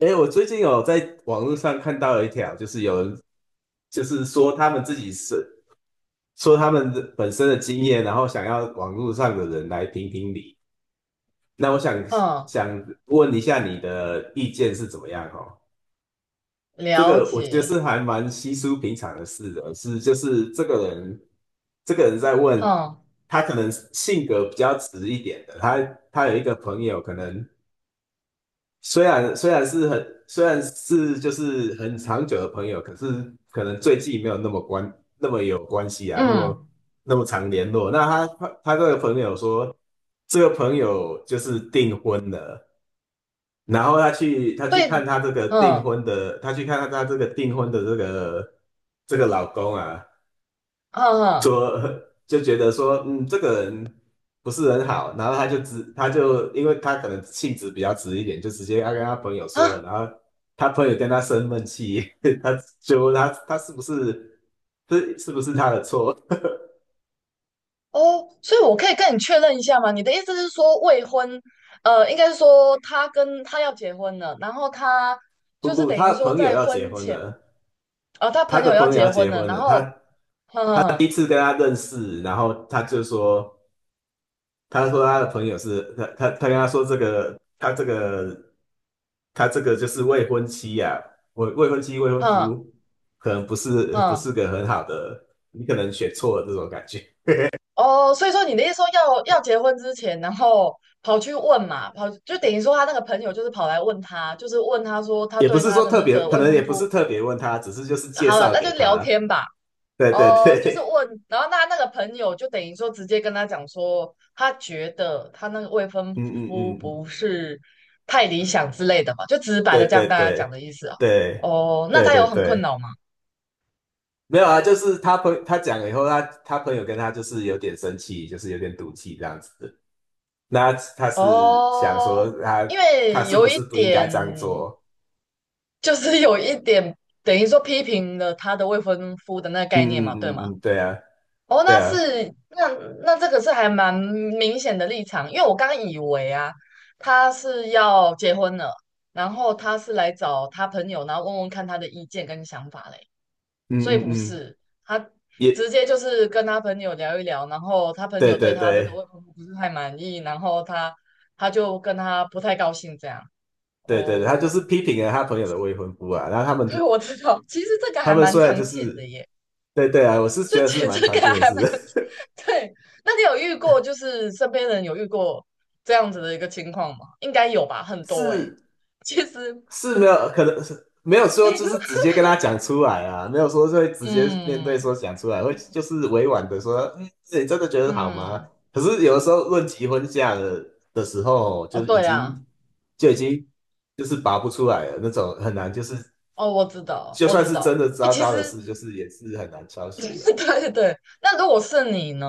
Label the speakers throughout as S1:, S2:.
S1: 诶，我最近有在网络上看到一条，就是有人就是说他们自己是说他们的本身的经验，然后想要网络上的人来评评理。那我想
S2: 嗯，
S1: 想问一下你的意见是怎么样哦？这
S2: 了
S1: 个我觉得
S2: 解，
S1: 是还蛮稀疏平常的事的，是就是这个人在问
S2: 嗯
S1: 他可能性格比较直一点的，他有一个朋友可能。虽然是很虽然是就是很长久的朋友，可是可能最近没有那么有关系啊，那
S2: 嗯，
S1: 么那么常联络。那他这个朋友说，这个朋友就是订婚了，然后他去他
S2: 所
S1: 去看
S2: 以，
S1: 他这个订
S2: 嗯
S1: 婚的，他去看他这个订婚的这个老公啊，
S2: 嗯嗯
S1: 说就觉得说，嗯，这个人不是很好，然后他就因为他可能性子比较直一点，就直接他跟他朋友说了，
S2: 啊
S1: 然后他朋友跟他生闷气，他就问他他是不是他的错？
S2: 哦，所以我可以跟你确认一下吗？你的意思是说未婚，应该是说他跟他要结婚了，然后他
S1: 不
S2: 就是
S1: 不，
S2: 等
S1: 他
S2: 于
S1: 的
S2: 说
S1: 朋友
S2: 在
S1: 要结
S2: 婚
S1: 婚
S2: 前，
S1: 了，
S2: 他
S1: 他
S2: 朋
S1: 的
S2: 友要
S1: 朋友要
S2: 结婚
S1: 结
S2: 了，
S1: 婚
S2: 然
S1: 了，
S2: 后，
S1: 他他第一
S2: 嗯
S1: 次跟他认识，然后他就说。他说他的朋友是他跟他说这个就是未婚妻呀、未婚
S2: 嗯
S1: 夫可能不是
S2: 嗯
S1: 个很好的，你可能选错了这种感觉，
S2: 哦，所以说你的意思说要结婚之前，然后跑去问嘛，跑就等于说他那个朋友就是跑来问他，就是问他说他
S1: 也不
S2: 对
S1: 是
S2: 他
S1: 说
S2: 的
S1: 特
S2: 那
S1: 别，
S2: 个
S1: 可
S2: 未
S1: 能也
S2: 婚
S1: 不是
S2: 夫。
S1: 特别问他，只是就是介
S2: 好了，
S1: 绍
S2: 那
S1: 给
S2: 就聊
S1: 他，
S2: 天吧。
S1: 对对
S2: 哦、就是
S1: 对，
S2: 问，然后那个朋友就等于说直接跟他讲说，他觉得他那个未 婚
S1: 嗯嗯
S2: 夫
S1: 嗯，嗯
S2: 不是太理想之类的嘛，就直白
S1: 对
S2: 的这
S1: 对
S2: 样跟家
S1: 对
S2: 讲的意思啊。
S1: 对
S2: 哦，那
S1: 对
S2: 他
S1: 对
S2: 有很困
S1: 对，
S2: 扰吗？
S1: 没有啊，就是他讲了以后，他朋友跟他就是有点生气，就是有点赌气这样子。的。那他是想
S2: 哦，
S1: 说他
S2: 因
S1: 他
S2: 为
S1: 是
S2: 有
S1: 不
S2: 一
S1: 是不应该
S2: 点，
S1: 这样做？
S2: 就是有一点等于说批评了他的未婚夫的那个
S1: 嗯
S2: 概念
S1: 嗯
S2: 嘛，对
S1: 嗯
S2: 吗？
S1: 嗯嗯，对啊，
S2: 哦，
S1: 对
S2: 那
S1: 啊，
S2: 是那那这个是还蛮明显的立场，因为我刚以为啊，他是要结婚了，然后他是来找他朋友，然后问问看他的意见跟想法嘞，
S1: 嗯
S2: 所以
S1: 嗯
S2: 不
S1: 嗯嗯
S2: 是，他直
S1: 也
S2: 接就是跟他朋友聊一聊，然后他朋
S1: 对
S2: 友对
S1: 对
S2: 他这个
S1: 对
S2: 未婚夫不是太满意，然后他就跟他不太高兴这样。
S1: 对对，对他就是
S2: 哦，
S1: 批评了他朋友的未婚夫啊。然后他 们
S2: 对，我知道，其实这个
S1: 他
S2: 还
S1: 们
S2: 蛮
S1: 虽然就
S2: 常见的
S1: 是
S2: 耶。
S1: 对对啊，我是觉
S2: 这
S1: 得
S2: 其
S1: 是
S2: 实
S1: 蛮
S2: 这
S1: 常
S2: 个
S1: 见的
S2: 还
S1: 事，
S2: 蛮 对。那你有遇过，就是身边人有遇过这样子的一个情况吗？应该有吧，很 多诶、
S1: 是
S2: 其实，
S1: 是没有可能是没有说就是直 接跟他讲出来啊，没有说会直接面对说
S2: 嗯
S1: 讲出来，会就是委婉的说，嗯，你真的觉得好吗？
S2: 嗯，
S1: 可是有的时候论及婚嫁的时候，
S2: 哦，
S1: 就是已
S2: 对啊，
S1: 经就已经就是拔不出来了那种，很难就是
S2: 哦，我知道，
S1: 就
S2: 我
S1: 算
S2: 知
S1: 是真
S2: 道。
S1: 的
S2: 诶、
S1: 糟
S2: 其
S1: 糕的
S2: 实
S1: 事，就是也是很难敲 醒
S2: 对
S1: 的。
S2: 对对，那如果是你呢？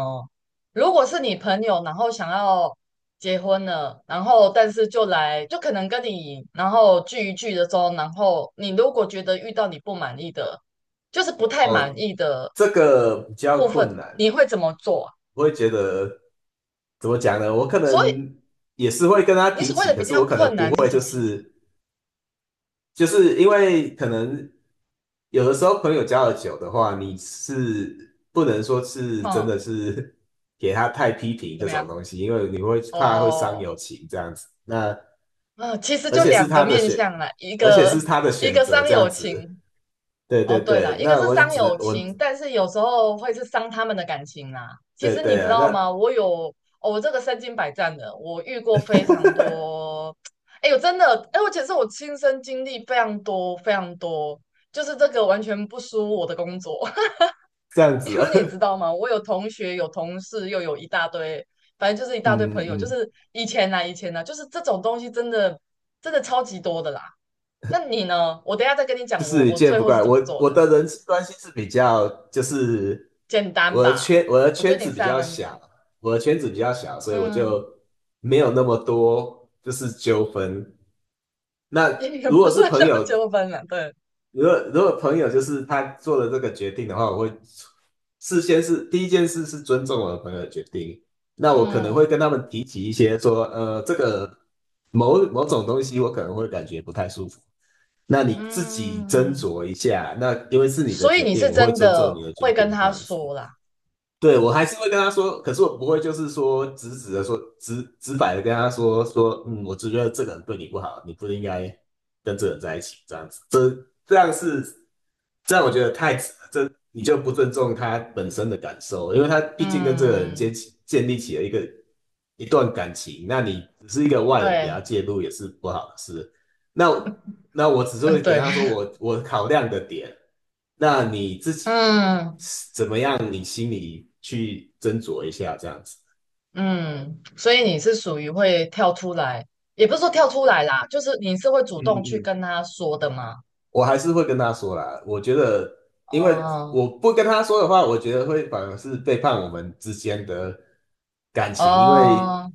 S2: 如果是你朋友，然后想要结婚了，然后但是就来，就可能跟你然后聚一聚的时候，然后你如果觉得遇到你不满意的，就是不太满
S1: 哦，
S2: 意的
S1: 这个比较
S2: 部
S1: 困
S2: 分，
S1: 难，
S2: 你会怎么做啊？
S1: 我会觉得怎么讲呢？我可
S2: 所以
S1: 能也是会跟他
S2: 你
S1: 提
S2: 所谓
S1: 起，
S2: 的
S1: 可
S2: 比
S1: 是
S2: 较
S1: 我可能
S2: 困
S1: 不
S2: 难是
S1: 会
S2: 什
S1: 就
S2: 么意思？
S1: 是。就是因为可能有的时候朋友交的久的话，你是不能说是真
S2: 嗯，
S1: 的是 给他太批评
S2: 怎
S1: 这
S2: 么
S1: 种
S2: 样？
S1: 东西，因为你会怕会伤
S2: 哦，
S1: 友情这样子。那
S2: 嗯，其实
S1: 而
S2: 就
S1: 且是
S2: 两个
S1: 他的
S2: 面
S1: 选，
S2: 向啦，一
S1: 而且
S2: 个
S1: 是他的选择
S2: 伤
S1: 这样
S2: 友
S1: 子。
S2: 情，
S1: 对
S2: 哦，
S1: 对
S2: 对
S1: 对，
S2: 了，一个
S1: 那
S2: 是
S1: 我
S2: 伤
S1: 只能
S2: 友
S1: 我
S2: 情，但是有时候会是伤他们的感情啦。其
S1: 对
S2: 实你
S1: 对
S2: 知
S1: 啊，那
S2: 道吗？我有，哦我这个身经百战的，我遇过非常 多。哎呦，真的，哎，而且是我亲身经历非常多非常多，就是这个完全不输我的工作，
S1: 这样
S2: 因
S1: 子啊，
S2: 为你知道 吗？我有同学，有同事，又有一大堆，反正就是一大堆朋
S1: 嗯嗯。
S2: 友，就
S1: 嗯
S2: 是以前啦，以前啦，就是这种东西真的真的超级多的啦。那你呢？我等一下再跟你
S1: 就
S2: 讲我
S1: 是
S2: 我
S1: 见
S2: 最
S1: 不
S2: 后是
S1: 怪
S2: 怎么
S1: 我，
S2: 做
S1: 我
S2: 的。
S1: 的人际关系是比较，就是
S2: 简单吧？
S1: 我的
S2: 我觉
S1: 圈
S2: 得你
S1: 子比
S2: 是还
S1: 较
S2: 蛮简，
S1: 小，我的圈子比较小，所以我
S2: 嗯，
S1: 就没有那么多就是纠纷。那
S2: 也
S1: 如
S2: 不
S1: 果是
S2: 算
S1: 朋
S2: 到
S1: 友
S2: 纠纷了，对，
S1: 如果如果朋友就是他做了这个决定的话，我会事先是第一件事是尊重我的朋友的决定。那我可能会
S2: 嗯
S1: 跟他们提起一些说，这个某某种东西我可能会感觉不太舒服，那你自己斟
S2: 嗯，
S1: 酌一下。那因为是你的
S2: 所以
S1: 决
S2: 你
S1: 定，
S2: 是
S1: 我会
S2: 真
S1: 尊重
S2: 的
S1: 你的决
S2: 会跟
S1: 定，这
S2: 他
S1: 样子。
S2: 说啦，
S1: 对，我还是会跟他说，可是我不会就是说直白的跟他说，嗯，我只觉得这个人对你不好，你不应该跟这个人在一起，这样子。这样是这样，我觉得太你就不尊重他本身的感受，因为他毕竟跟这个人
S2: 嗯，
S1: 建立起了一段感情，那你只是一个外人给他
S2: 对，
S1: 介入也是不好的事。那我只是会给
S2: 对，
S1: 他说我考量的点，那你自己
S2: 嗯
S1: 怎么样，你心里去斟酌一下这样子。
S2: 嗯，所以你是属于会跳出来，也不是说跳出来啦，就是你是会主
S1: 嗯嗯
S2: 动去
S1: 嗯，
S2: 跟他说的嘛，
S1: 我还是会跟他说啦。我觉得，因为
S2: 哦
S1: 我不跟他说的话，我觉得会反而是背叛我们之间的感情，因为
S2: 哦，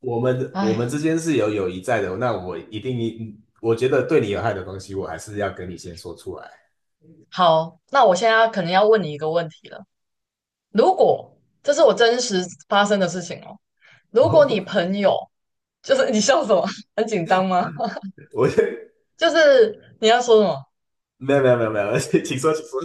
S1: 我们
S2: 哎，
S1: 之间是有友谊在的。那我一定，嗯我觉得对你有害的东西，我还是要跟你先说出来。
S2: 好，那我现在可能要问你一个问题了，如果这是我真实发生的事情哦。如果你
S1: 我
S2: 朋友就是你笑什么？很紧张吗？
S1: 我
S2: 就是你要说什么？
S1: 没有没有没有没有，请说请说。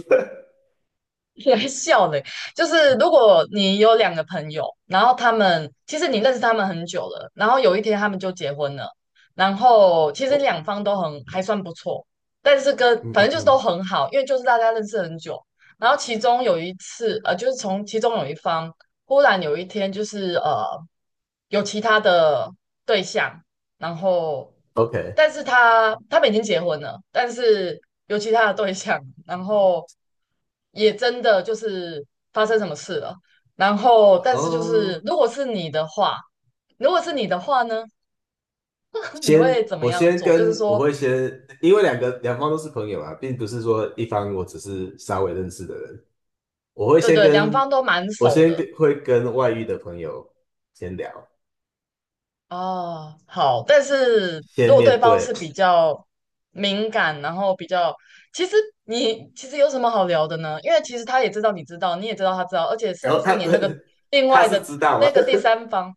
S2: 你还笑嘞？就是如果你有两个朋友，然后他们其实你认识他们很久了，然后有一天他们就结婚了，然后其
S1: 哦，
S2: 实两方都很还算不错，但是跟
S1: 嗯
S2: 反
S1: 嗯
S2: 正就是都
S1: 嗯
S2: 很好，因为就是大家认识很久。然后其中有一次，就是从其中有一方忽然有一天就是有其他的对象，然后，
S1: ，OK，
S2: 但是他们已经结婚了，但是有其他的对象，然后也真的就是发生什么事了。然后，但是就是
S1: 哦，
S2: 如果是你的话，如果是你的话呢，你
S1: 先
S2: 会怎么
S1: 我
S2: 样
S1: 先
S2: 做？就是
S1: 跟我
S2: 说，
S1: 会先，因为两方都是朋友啊，并不是说一方我只是稍微认识的人，我会
S2: 对
S1: 先
S2: 对，两
S1: 跟
S2: 方都蛮
S1: 我
S2: 熟
S1: 先跟
S2: 的，
S1: 会跟外遇的朋友先聊，
S2: 哦，好，但是如
S1: 先
S2: 果对
S1: 面
S2: 方是
S1: 对，
S2: 比较敏感，然后比较，其实你其实有什么好聊的呢？因为其实他也知道你知道，你也知道他知道，而且
S1: 然
S2: 甚
S1: 后
S2: 至
S1: 他
S2: 连那个 另
S1: 他
S2: 外
S1: 是
S2: 的
S1: 知道吗？
S2: 那个第三方，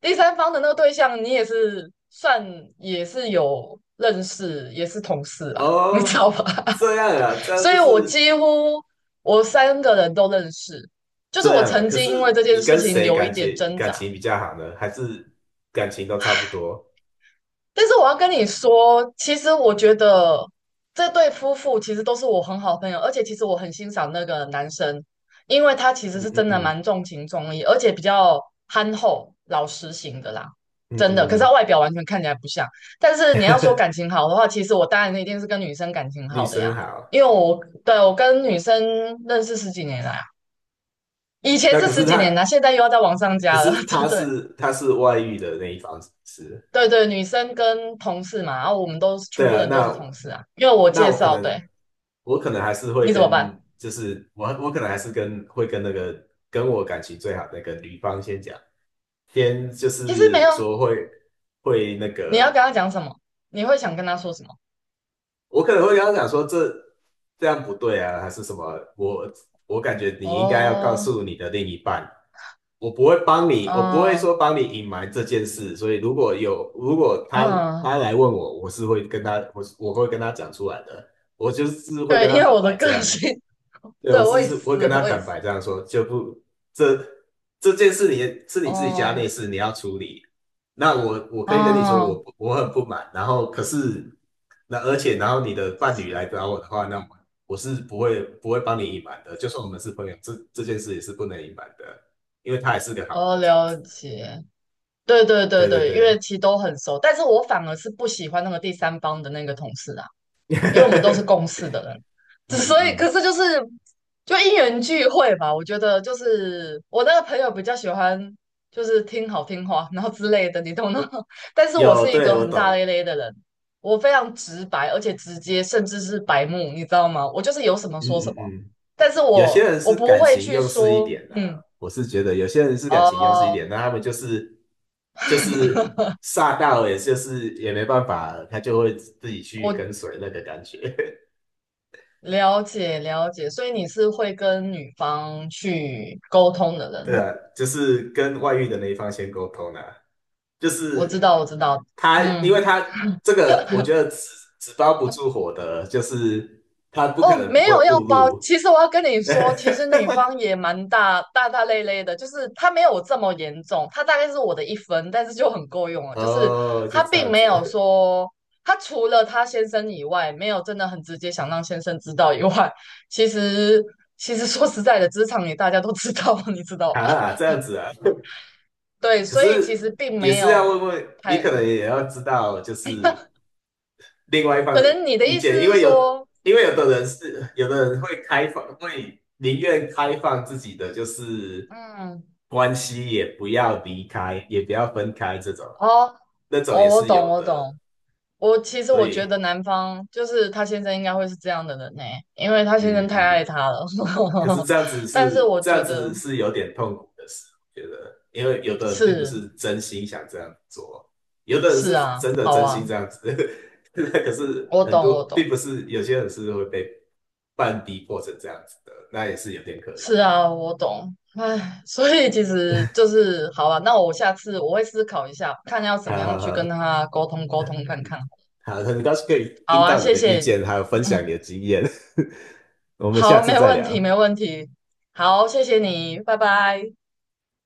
S2: 第三方的那个对象，你也是算也是有认识，也是同事 啦，你知
S1: 哦，
S2: 道吧？
S1: 这样啊，这 样
S2: 所
S1: 就
S2: 以我几
S1: 是
S2: 乎我三个人都认识，就是
S1: 这
S2: 我
S1: 样啊。
S2: 曾
S1: 可
S2: 经
S1: 是
S2: 因为这件
S1: 你
S2: 事
S1: 跟
S2: 情
S1: 谁
S2: 有一
S1: 感情
S2: 点挣
S1: 感
S2: 扎。
S1: 情比较好呢？还是感情都差不多？
S2: 但是我要跟你说，其实我觉得这对夫妇其实都是我很好的朋友，而且其实我很欣赏那个男生，因为他其实
S1: 嗯
S2: 是
S1: 嗯
S2: 真的
S1: 嗯
S2: 蛮重情重义，而且比较憨厚老实型的啦，
S1: 嗯
S2: 真的。可
S1: 嗯，
S2: 是他
S1: 嗯
S2: 外表完全看起来不像。但是你要说感情好的话，其实我当然一定是跟女生感情
S1: 女
S2: 好的
S1: 生
S2: 呀，
S1: 好。
S2: 因为我对我跟女生认识十几年来啊，以前
S1: 那
S2: 是
S1: 可是
S2: 十几
S1: 他，
S2: 年啦，现在又要再往上
S1: 可
S2: 加了，
S1: 是
S2: 这
S1: 他
S2: 对。
S1: 是他是外遇的那一方是不是？
S2: 对对，女生跟同事嘛，然后我们都是全
S1: 对
S2: 部
S1: 啊，
S2: 人都是
S1: 那
S2: 同事啊，因为我
S1: 那
S2: 介
S1: 我可
S2: 绍，
S1: 能
S2: 对，
S1: 我可能还是会
S2: 你怎么
S1: 跟，
S2: 办？
S1: 就是我可能还是会跟那个跟我感情最好的那个女方先讲，先就
S2: 其实没
S1: 是
S2: 有，
S1: 说会那
S2: 你要跟
S1: 个，
S2: 他讲什么？你会想跟他说什么？
S1: 我可能会跟她讲说这样不对啊，还是什么，我感觉你应该要告
S2: 哦，
S1: 诉你的另一半。我不会帮你，我不会
S2: 嗯
S1: 说帮你隐瞒这件事，所以如果有，如果他
S2: 嗯，
S1: 他来问我，我是会跟他，我是我会跟他讲出来的，我就是会跟
S2: 对，
S1: 他
S2: 因为
S1: 坦
S2: 我的
S1: 白这
S2: 个
S1: 样。
S2: 性，
S1: 对，
S2: 对，
S1: 我
S2: 我
S1: 是
S2: 也
S1: 是会
S2: 是，
S1: 跟他
S2: 我也
S1: 坦
S2: 是，
S1: 白这样说，就不这这件事你是你自己家内
S2: 哦
S1: 事，你要处理。那我可以跟你说，
S2: 哦
S1: 我很不满，然后可是那而且然后你的伴侣来找我的话，那我是不会帮你隐瞒的，就算我们是朋友，这件事也是不能隐瞒的，因为他也是个好
S2: 哦，
S1: 人这样
S2: 了
S1: 子。
S2: 解，对对对
S1: 对对
S2: 对，因为
S1: 对，
S2: 其实都很熟，但是我反而是不喜欢那个第三方的那个同事啊。因为我们都是共 事的人，
S1: 嗯
S2: 只所以
S1: 嗯
S2: 可
S1: 嗯，
S2: 是就是就因缘聚会吧。我觉得就是我那个朋友比较喜欢就是听好听话，然后之类的，你懂的。但是我
S1: 有，
S2: 是一
S1: 对，
S2: 个
S1: 我
S2: 很大
S1: 懂，
S2: 咧咧的人，我非常直白，而且直接，甚至是白目，你知道吗？我就是有什么说
S1: 嗯
S2: 什
S1: 嗯
S2: 么，
S1: 嗯。
S2: 但是
S1: 有些
S2: 我
S1: 人
S2: 我
S1: 是
S2: 不
S1: 感
S2: 会
S1: 情
S2: 去
S1: 用事一
S2: 说，
S1: 点的啊
S2: 嗯，
S1: 我是觉得有些人是感情用事一
S2: 哦、
S1: 点，那他们就是 煞到，也就是也没办法，他就会自己去跟
S2: 我
S1: 随那个感觉。
S2: 了解了解，所以你是会跟女方去沟通的
S1: 对
S2: 人。
S1: 啊，就是跟外遇的那一方先沟通啊，就
S2: 我知
S1: 是
S2: 道，我知道，
S1: 他，因为
S2: 嗯，
S1: 他这个，我觉得纸包不住火的，就是他不可
S2: 哦，
S1: 能不
S2: 没
S1: 会
S2: 有要
S1: 暴
S2: 包。
S1: 露。
S2: 其实我要跟你说，其实女方 也蛮大大大咧咧的，就是她没有这么严重，她大概是我的一分，但是就很够用了。就是
S1: 哦，就
S2: 她
S1: 这
S2: 并
S1: 样
S2: 没有
S1: 子
S2: 说，她除了她先生以外，没有真的很直接想让先生知道以外，其实其实说实在的，职场里大家都知道，你知 道吧？
S1: 啊，这样子啊。
S2: 对，
S1: 可
S2: 所以其实
S1: 是
S2: 并
S1: 也
S2: 没
S1: 是要
S2: 有
S1: 问问你，可
S2: 太，
S1: 能也要知道，就是另外一方
S2: 可
S1: 的
S2: 能你的
S1: 意
S2: 意
S1: 见，
S2: 思
S1: 因
S2: 是
S1: 为有，
S2: 说，
S1: 因为有的人是，有的人会开放，会宁愿开放自己的就是
S2: 嗯，
S1: 关系，也不要离开，也不要分开，这种
S2: 哦
S1: 那种
S2: 哦，
S1: 也
S2: 我
S1: 是
S2: 懂，
S1: 有
S2: 我
S1: 的，
S2: 懂。我其实
S1: 所
S2: 我觉得
S1: 以，
S2: 男方就是他先生应该会是这样的人呢、因为他先生
S1: 嗯
S2: 太
S1: 嗯。
S2: 爱他了。
S1: 可是
S2: 但是我
S1: 这
S2: 觉
S1: 样
S2: 得
S1: 子是有点痛苦的事，我觉得，因为有的人并不
S2: 是
S1: 是真心想这样做，有的人是
S2: 是啊，
S1: 真的
S2: 好
S1: 真心
S2: 啊，
S1: 这样子，可是
S2: 我
S1: 很
S2: 懂我
S1: 多并
S2: 懂，
S1: 不是有些人是会被半逼迫成这样子的，那也是有点可怜。
S2: 是啊我懂。唉，所以其实就是好啊，那我下次我会思考一下，看要怎么
S1: 好
S2: 样
S1: 好
S2: 去跟
S1: 好，
S2: 他沟通沟通看看。
S1: 好，很高兴可以
S2: 好
S1: 听
S2: 啊，
S1: 到你
S2: 谢
S1: 的意
S2: 谢，
S1: 见，还有分享你的
S2: 嗯，
S1: 经验，我们下
S2: 好，
S1: 次
S2: 没
S1: 再
S2: 问
S1: 聊。
S2: 题没问题，好，谢谢你，拜拜。